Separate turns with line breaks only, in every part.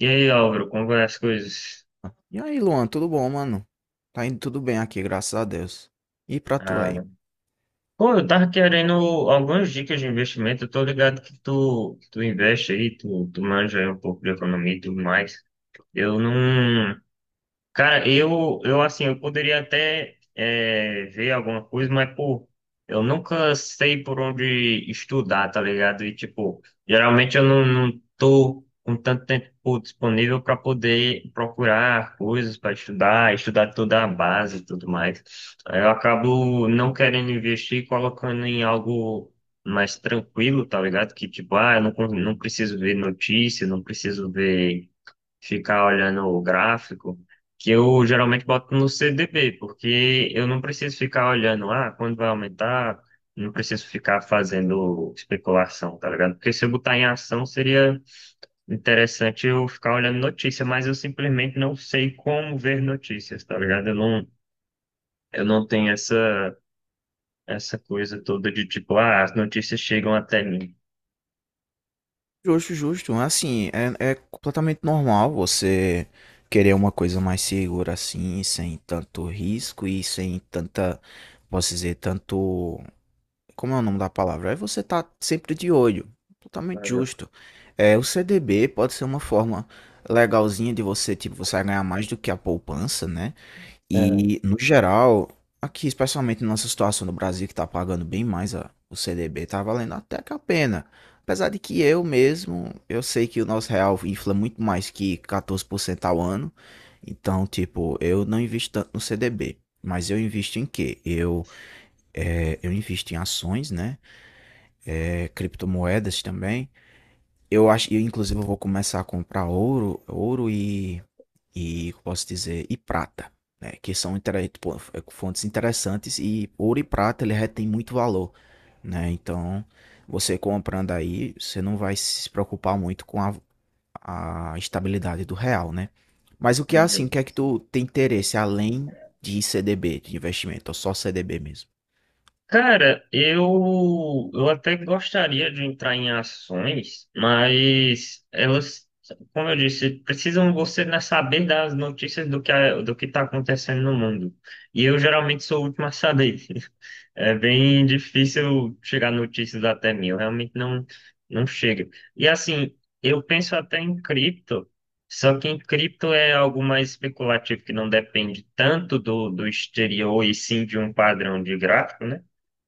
E aí, Álvaro, como vai as coisas?
E aí, Luan, tudo bom, mano? Tá indo tudo bem aqui, graças a Deus. E pra tu
Ah,
aí?
pô, eu tava querendo algumas dicas de investimento. Eu tô ligado que tu investe aí, tu manja aí um pouco de economia e tudo mais. Eu não. Cara, eu assim, eu poderia até ver alguma coisa, mas, pô, eu nunca sei por onde estudar, tá ligado? E, tipo, geralmente eu não tô com tanto tempo disponível para poder procurar coisas para estudar, estudar toda a base e tudo mais. Aí eu acabo não querendo investir, e colocando em algo mais tranquilo, tá ligado? Que, tipo, eu não preciso ver notícia, não preciso ver ficar olhando o gráfico, que eu geralmente boto no CDB, porque eu não preciso ficar olhando, quando vai aumentar, não preciso ficar fazendo especulação, tá ligado? Porque se eu botar em ação, seria interessante eu ficar olhando notícia, mas eu simplesmente não sei como ver notícias, tá ligado? Eu não tenho essa coisa toda de tipo, as notícias chegam até mim.
Justo, justo. Assim, é completamente normal você querer uma coisa mais segura assim, sem tanto risco e sem tanta, posso dizer, tanto. Como é o nome da palavra? Aí você tá sempre de olho. Totalmente
Ah,
justo. É, o CDB pode ser uma forma legalzinha de você, tipo, você vai ganhar mais do que a poupança, né? E, no geral, aqui, especialmente na nossa situação no Brasil, que tá pagando bem mais o CDB, tá valendo até que a pena. Apesar de que eu mesmo, eu sei que o nosso real infla muito mais que 14% ao ano. Então, tipo, eu não invisto tanto no CDB. Mas eu invisto em quê? Eu invisto em ações, né? É, criptomoedas também. Eu acho, eu inclusive eu vou começar a comprar ouro, e posso dizer, e prata, né? Que são pô, é, fontes interessantes e ouro e prata ele retém muito valor, né? Então, você comprando aí, você não vai se preocupar muito com a estabilidade do real, né? Mas o que é assim, o
ah,
que é que tu tem interesse além de CDB, de investimento, ou só CDB mesmo?
Cara, eu até gostaria de entrar em ações, mas elas, como eu disse, precisam você, né, saber das notícias do que, do que está acontecendo no mundo. E eu geralmente sou o último a saber. É bem difícil chegar notícias até mil, realmente não chega. E assim, eu penso até em cripto, só que em cripto é algo mais especulativo, que não depende tanto do exterior e sim de um padrão de gráfico, né?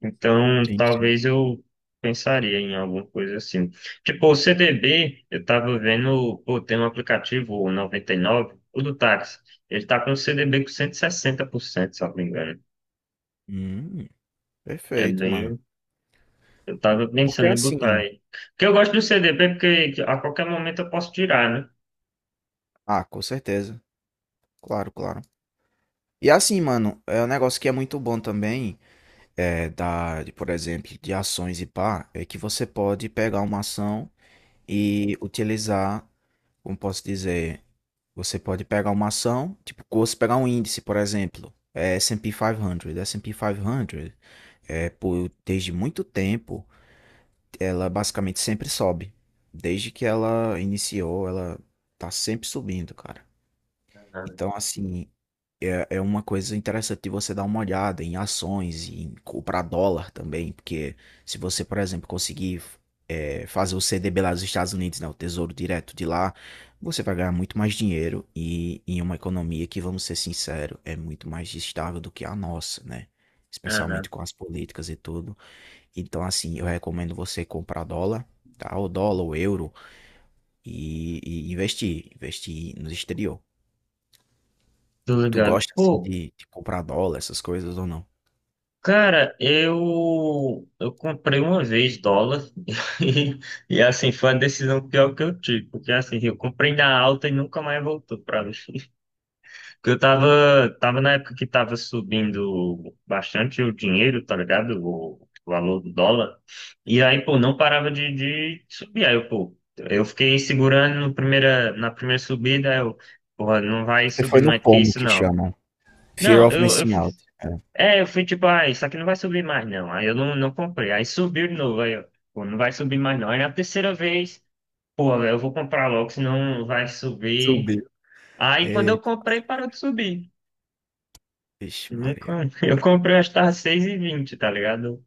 Então,
Sim, sim.
talvez eu pensaria em alguma coisa assim. Tipo, o CDB, eu tava vendo, pô, tem um aplicativo, o 99, o do táxi, ele tá com o CDB com 160%, se eu não me engano.
Hum,
É
perfeito, mano.
bem Eu tava
Porque
pensando em botar
assim,
aí. Porque eu gosto do CDB, porque a qualquer momento eu posso tirar, né?
ah, com certeza. Claro, claro. E assim, mano, é um negócio que é muito bom também, por exemplo, de ações e pá, é que você pode pegar uma ação e utilizar, como posso dizer, você pode pegar uma ação, tipo, você pegar um índice, por exemplo, é S&P 500. S&P 500, desde muito tempo, ela basicamente sempre sobe. Desde que ela iniciou, ela tá sempre subindo, cara.
Aham.
Então, assim, é uma coisa interessante de você dar uma olhada em ações e em comprar dólar também, porque se você, por exemplo, conseguir fazer o CDB lá dos Estados Unidos, né, o Tesouro Direto de lá, você vai ganhar muito mais dinheiro e em uma economia que, vamos ser sinceros, é muito mais estável do que a nossa, né?
Ah, não.
Especialmente com as políticas e tudo. Então, assim, eu recomendo você comprar dólar, tá? Ou dólar, ou euro, e investir, investir no exterior.
Tô
Tu
ligado.
gosta, assim,
Pô,
de comprar dólar, essas coisas ou não?
cara, eu comprei uma vez dólar e, e assim foi a decisão pior que eu tive, porque assim, eu comprei na alta e nunca mais voltou pra mim. Porque eu tava na época que tava subindo bastante o dinheiro, tá ligado? O valor do dólar. E aí, pô, não parava de subir. Aí, eu, pô, eu fiquei segurando no primeira, na primeira subida, aí eu, porra, não vai
Você
subir
foi no
mais que
pomo
isso,
que
não.
chamam. Fear
Não,
of
eu
missing
fui,
out. É.
é, eu fui tipo, isso aqui não vai subir mais, não. Aí eu não comprei. Aí subiu de novo, aí eu, pô, não vai subir mais, não. Aí na terceira vez, pô, eu vou comprar logo, senão vai subir.
Subiu.
Aí quando eu
Eita,
comprei, parou de subir.
vixe Maria.
Eu comprei, acho que tá 6,20, tá ligado?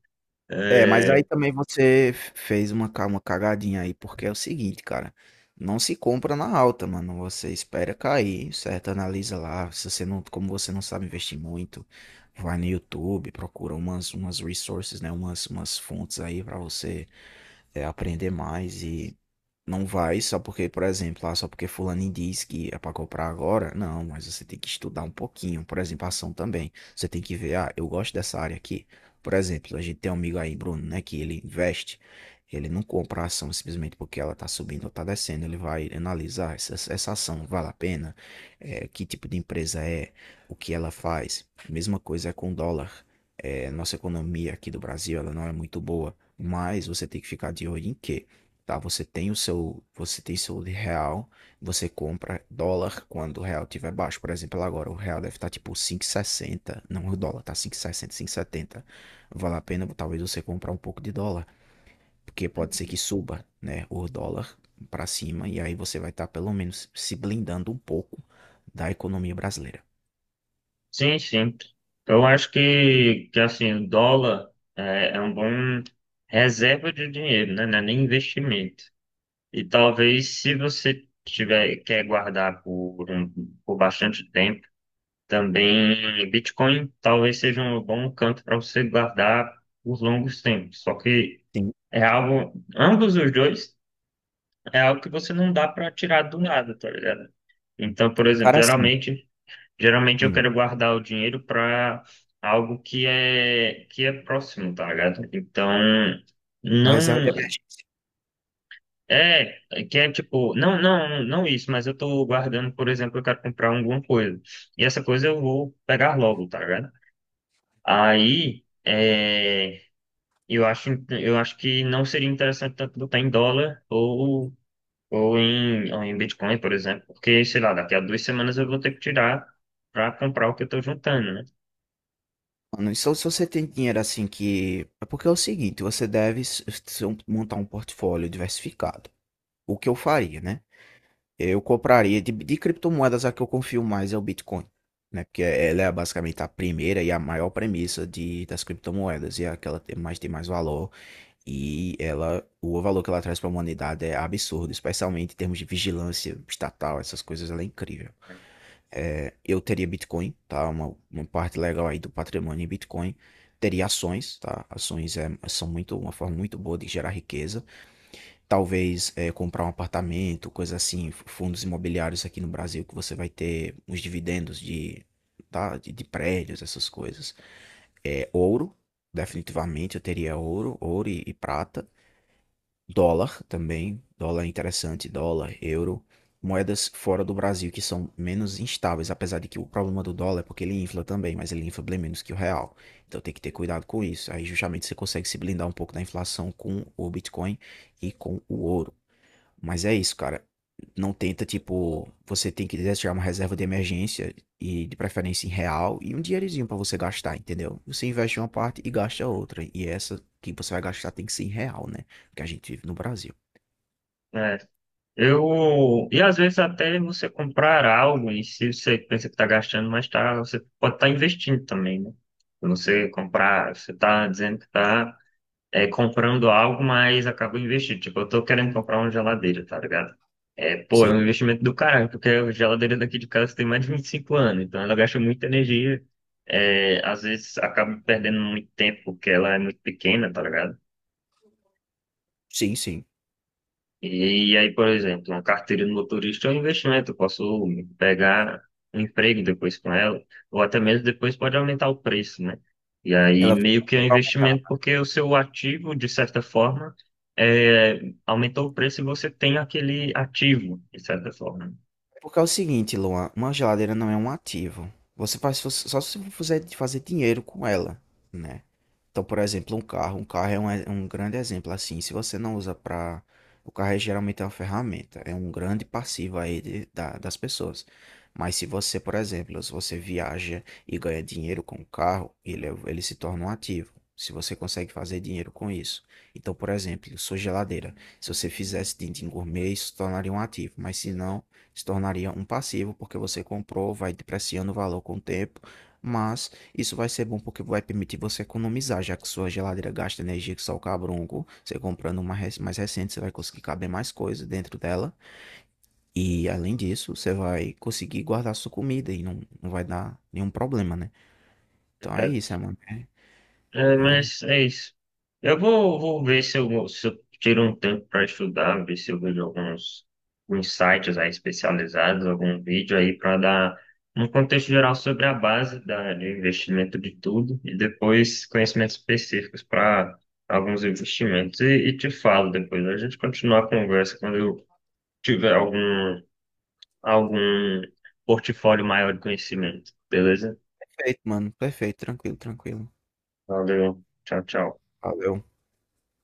É, mas aí
É,
também você fez uma, uma cagadinha aí, porque é o seguinte, cara. Não se compra na alta, mano. Você espera cair, certo? Analisa lá. Se você não, como você não sabe investir muito, vai no YouTube, procura umas, umas resources, né? Umas, umas fontes aí pra você aprender mais e não vai só porque, por exemplo, ah, só porque fulano diz que é pra comprar agora. Não, mas você tem que estudar um pouquinho. Por exemplo, a ação também. Você tem que ver, ah, eu gosto dessa área aqui. Por exemplo, a gente tem um amigo aí, Bruno, né, que ele investe. Ele não compra a ação simplesmente porque ela tá subindo ou tá descendo. Ele vai analisar essa ação vale a pena. É, que tipo de empresa é, o que ela faz. Mesma coisa é com o dólar. É, nossa economia aqui do Brasil, ela não é muito boa. Mas você tem que ficar de olho em quê? Tá? Você tem o seu, você tem seu de real, você compra dólar quando o real tiver baixo. Por exemplo, agora o real deve estar tipo cinco e sessenta, não, o dólar tá 5,60, setenta. Vale a pena talvez você comprar um pouco de dólar, porque pode ser que suba, né, o dólar para cima e aí você vai estar pelo menos se blindando um pouco da economia brasileira.
sim, sim. Eu acho que assim, o dólar é um bom reserva de dinheiro, né? Não é nem investimento. E talvez se você tiver, quer guardar por bastante tempo, também Bitcoin talvez seja um bom canto para você guardar por longos tempos. Só que
Sim,
é algo, ambos os dois, é algo que você não dá para tirar do nada, tá ligado? Então, por exemplo,
cara, assim,
geralmente, eu
hum,
quero guardar o dinheiro para algo que é próximo, tá ligado? Então,
uma reserva de
não
emergência.
é que é tipo, não, não, não isso, mas eu tô guardando, por exemplo, eu quero comprar alguma coisa. E essa coisa eu vou pegar logo, tá ligado? Aí, eu acho que não seria interessante tanto botar em dólar ou em Bitcoin, por exemplo, porque, sei lá, daqui a 2 semanas eu vou ter que tirar para comprar o que eu estou juntando, né?
Mano, só se você tem dinheiro assim que. É porque é o seguinte, você deve montar um portfólio diversificado. O que eu faria, né? Eu compraria de criptomoedas, a que eu confio mais é o Bitcoin, né? Porque ela é basicamente a primeira e a maior premissa de, das criptomoedas. E é aquela que mais tem mais valor. E ela, o valor que ela traz para a humanidade é absurdo, especialmente em termos de vigilância estatal, essas coisas, ela é incrível. É, eu teria Bitcoin, tá? Uma parte legal aí do patrimônio em Bitcoin. Teria ações, tá? Ações é, são muito uma forma muito boa de gerar riqueza. Talvez é, comprar um apartamento, coisa assim, fundos imobiliários aqui no Brasil que você vai ter os dividendos de, tá? De prédios, essas coisas. É, ouro, definitivamente eu teria ouro, ouro e prata. Dólar também, dólar é interessante, dólar, euro, moedas fora do Brasil que são menos instáveis, apesar de que o problema do dólar é porque ele infla também, mas ele infla bem menos que o real. Então tem que ter cuidado com isso. Aí justamente você consegue se blindar um pouco da inflação com o Bitcoin e com o ouro. Mas é isso, cara. Não tenta, tipo, você tem que quiser tirar uma reserva de emergência e de preferência em real e um dinheirinho pra você gastar, entendeu? Você investe uma parte e gasta a outra. E essa que você vai gastar tem que ser em real, né? Porque a gente vive no Brasil.
É. E às vezes até você comprar algo e se você pensa que está gastando, mas tá, você pode estar investindo também, né? Quando você comprar, você está dizendo que está comprando algo, mas acabo investindo. Tipo, eu tô querendo comprar uma geladeira, tá ligado? É, pô, é
Sim,
um investimento do caralho, porque a geladeira daqui de casa tem mais de 25 anos, então ela gasta muita energia. É, às vezes acaba perdendo muito tempo porque ela é muito pequena, tá ligado?
sim, sim.
E, aí, por exemplo, uma carteira de motorista é um investimento. Eu posso pegar um emprego depois com ela, ou até mesmo depois pode aumentar o preço, né? E aí,
Ela vai
meio que é um
aumentar
investimento, porque o seu ativo, de certa forma, aumentou o preço e você tem aquele ativo, de certa forma.
porque é o seguinte, Luan, uma geladeira não é um ativo. Você faz só se você fizer fazer dinheiro com ela, né? Então, por exemplo, um carro. Um carro é um grande exemplo. Assim, se você não usa para. O carro é, geralmente é uma ferramenta, é um grande passivo aí das pessoas. Mas se você, por exemplo, se você viaja e ganha dinheiro com o carro, ele, ele se torna um ativo. Se você consegue fazer dinheiro com isso. Então, por exemplo, sua geladeira. Se você fizesse dindim gourmet, isso se tornaria um ativo. Mas se não, se tornaria um passivo, porque você comprou, vai depreciando o valor com o tempo. Mas isso vai ser bom porque vai permitir você economizar, já que sua geladeira gasta energia que só o cabronco. Você comprando uma mais recente, você vai conseguir caber mais coisas dentro dela. E além disso, você vai conseguir guardar sua comida e não vai dar nenhum problema, né? Então é
Né?
isso, é, mano. É,
É,
é
mas é isso. Eu vou ver se se eu tiro um tempo para estudar, ver se eu vejo alguns sites aí especializados, algum vídeo aí para dar um contexto geral sobre a base de investimento de tudo e depois conhecimentos específicos para alguns investimentos. E te falo depois, a gente continua a conversa quando eu tiver algum portfólio maior de conhecimento, beleza?
perfeito, mano. Perfeito, tranquilo, tranquilo.
Valeu, tchau, tchau.
Valeu.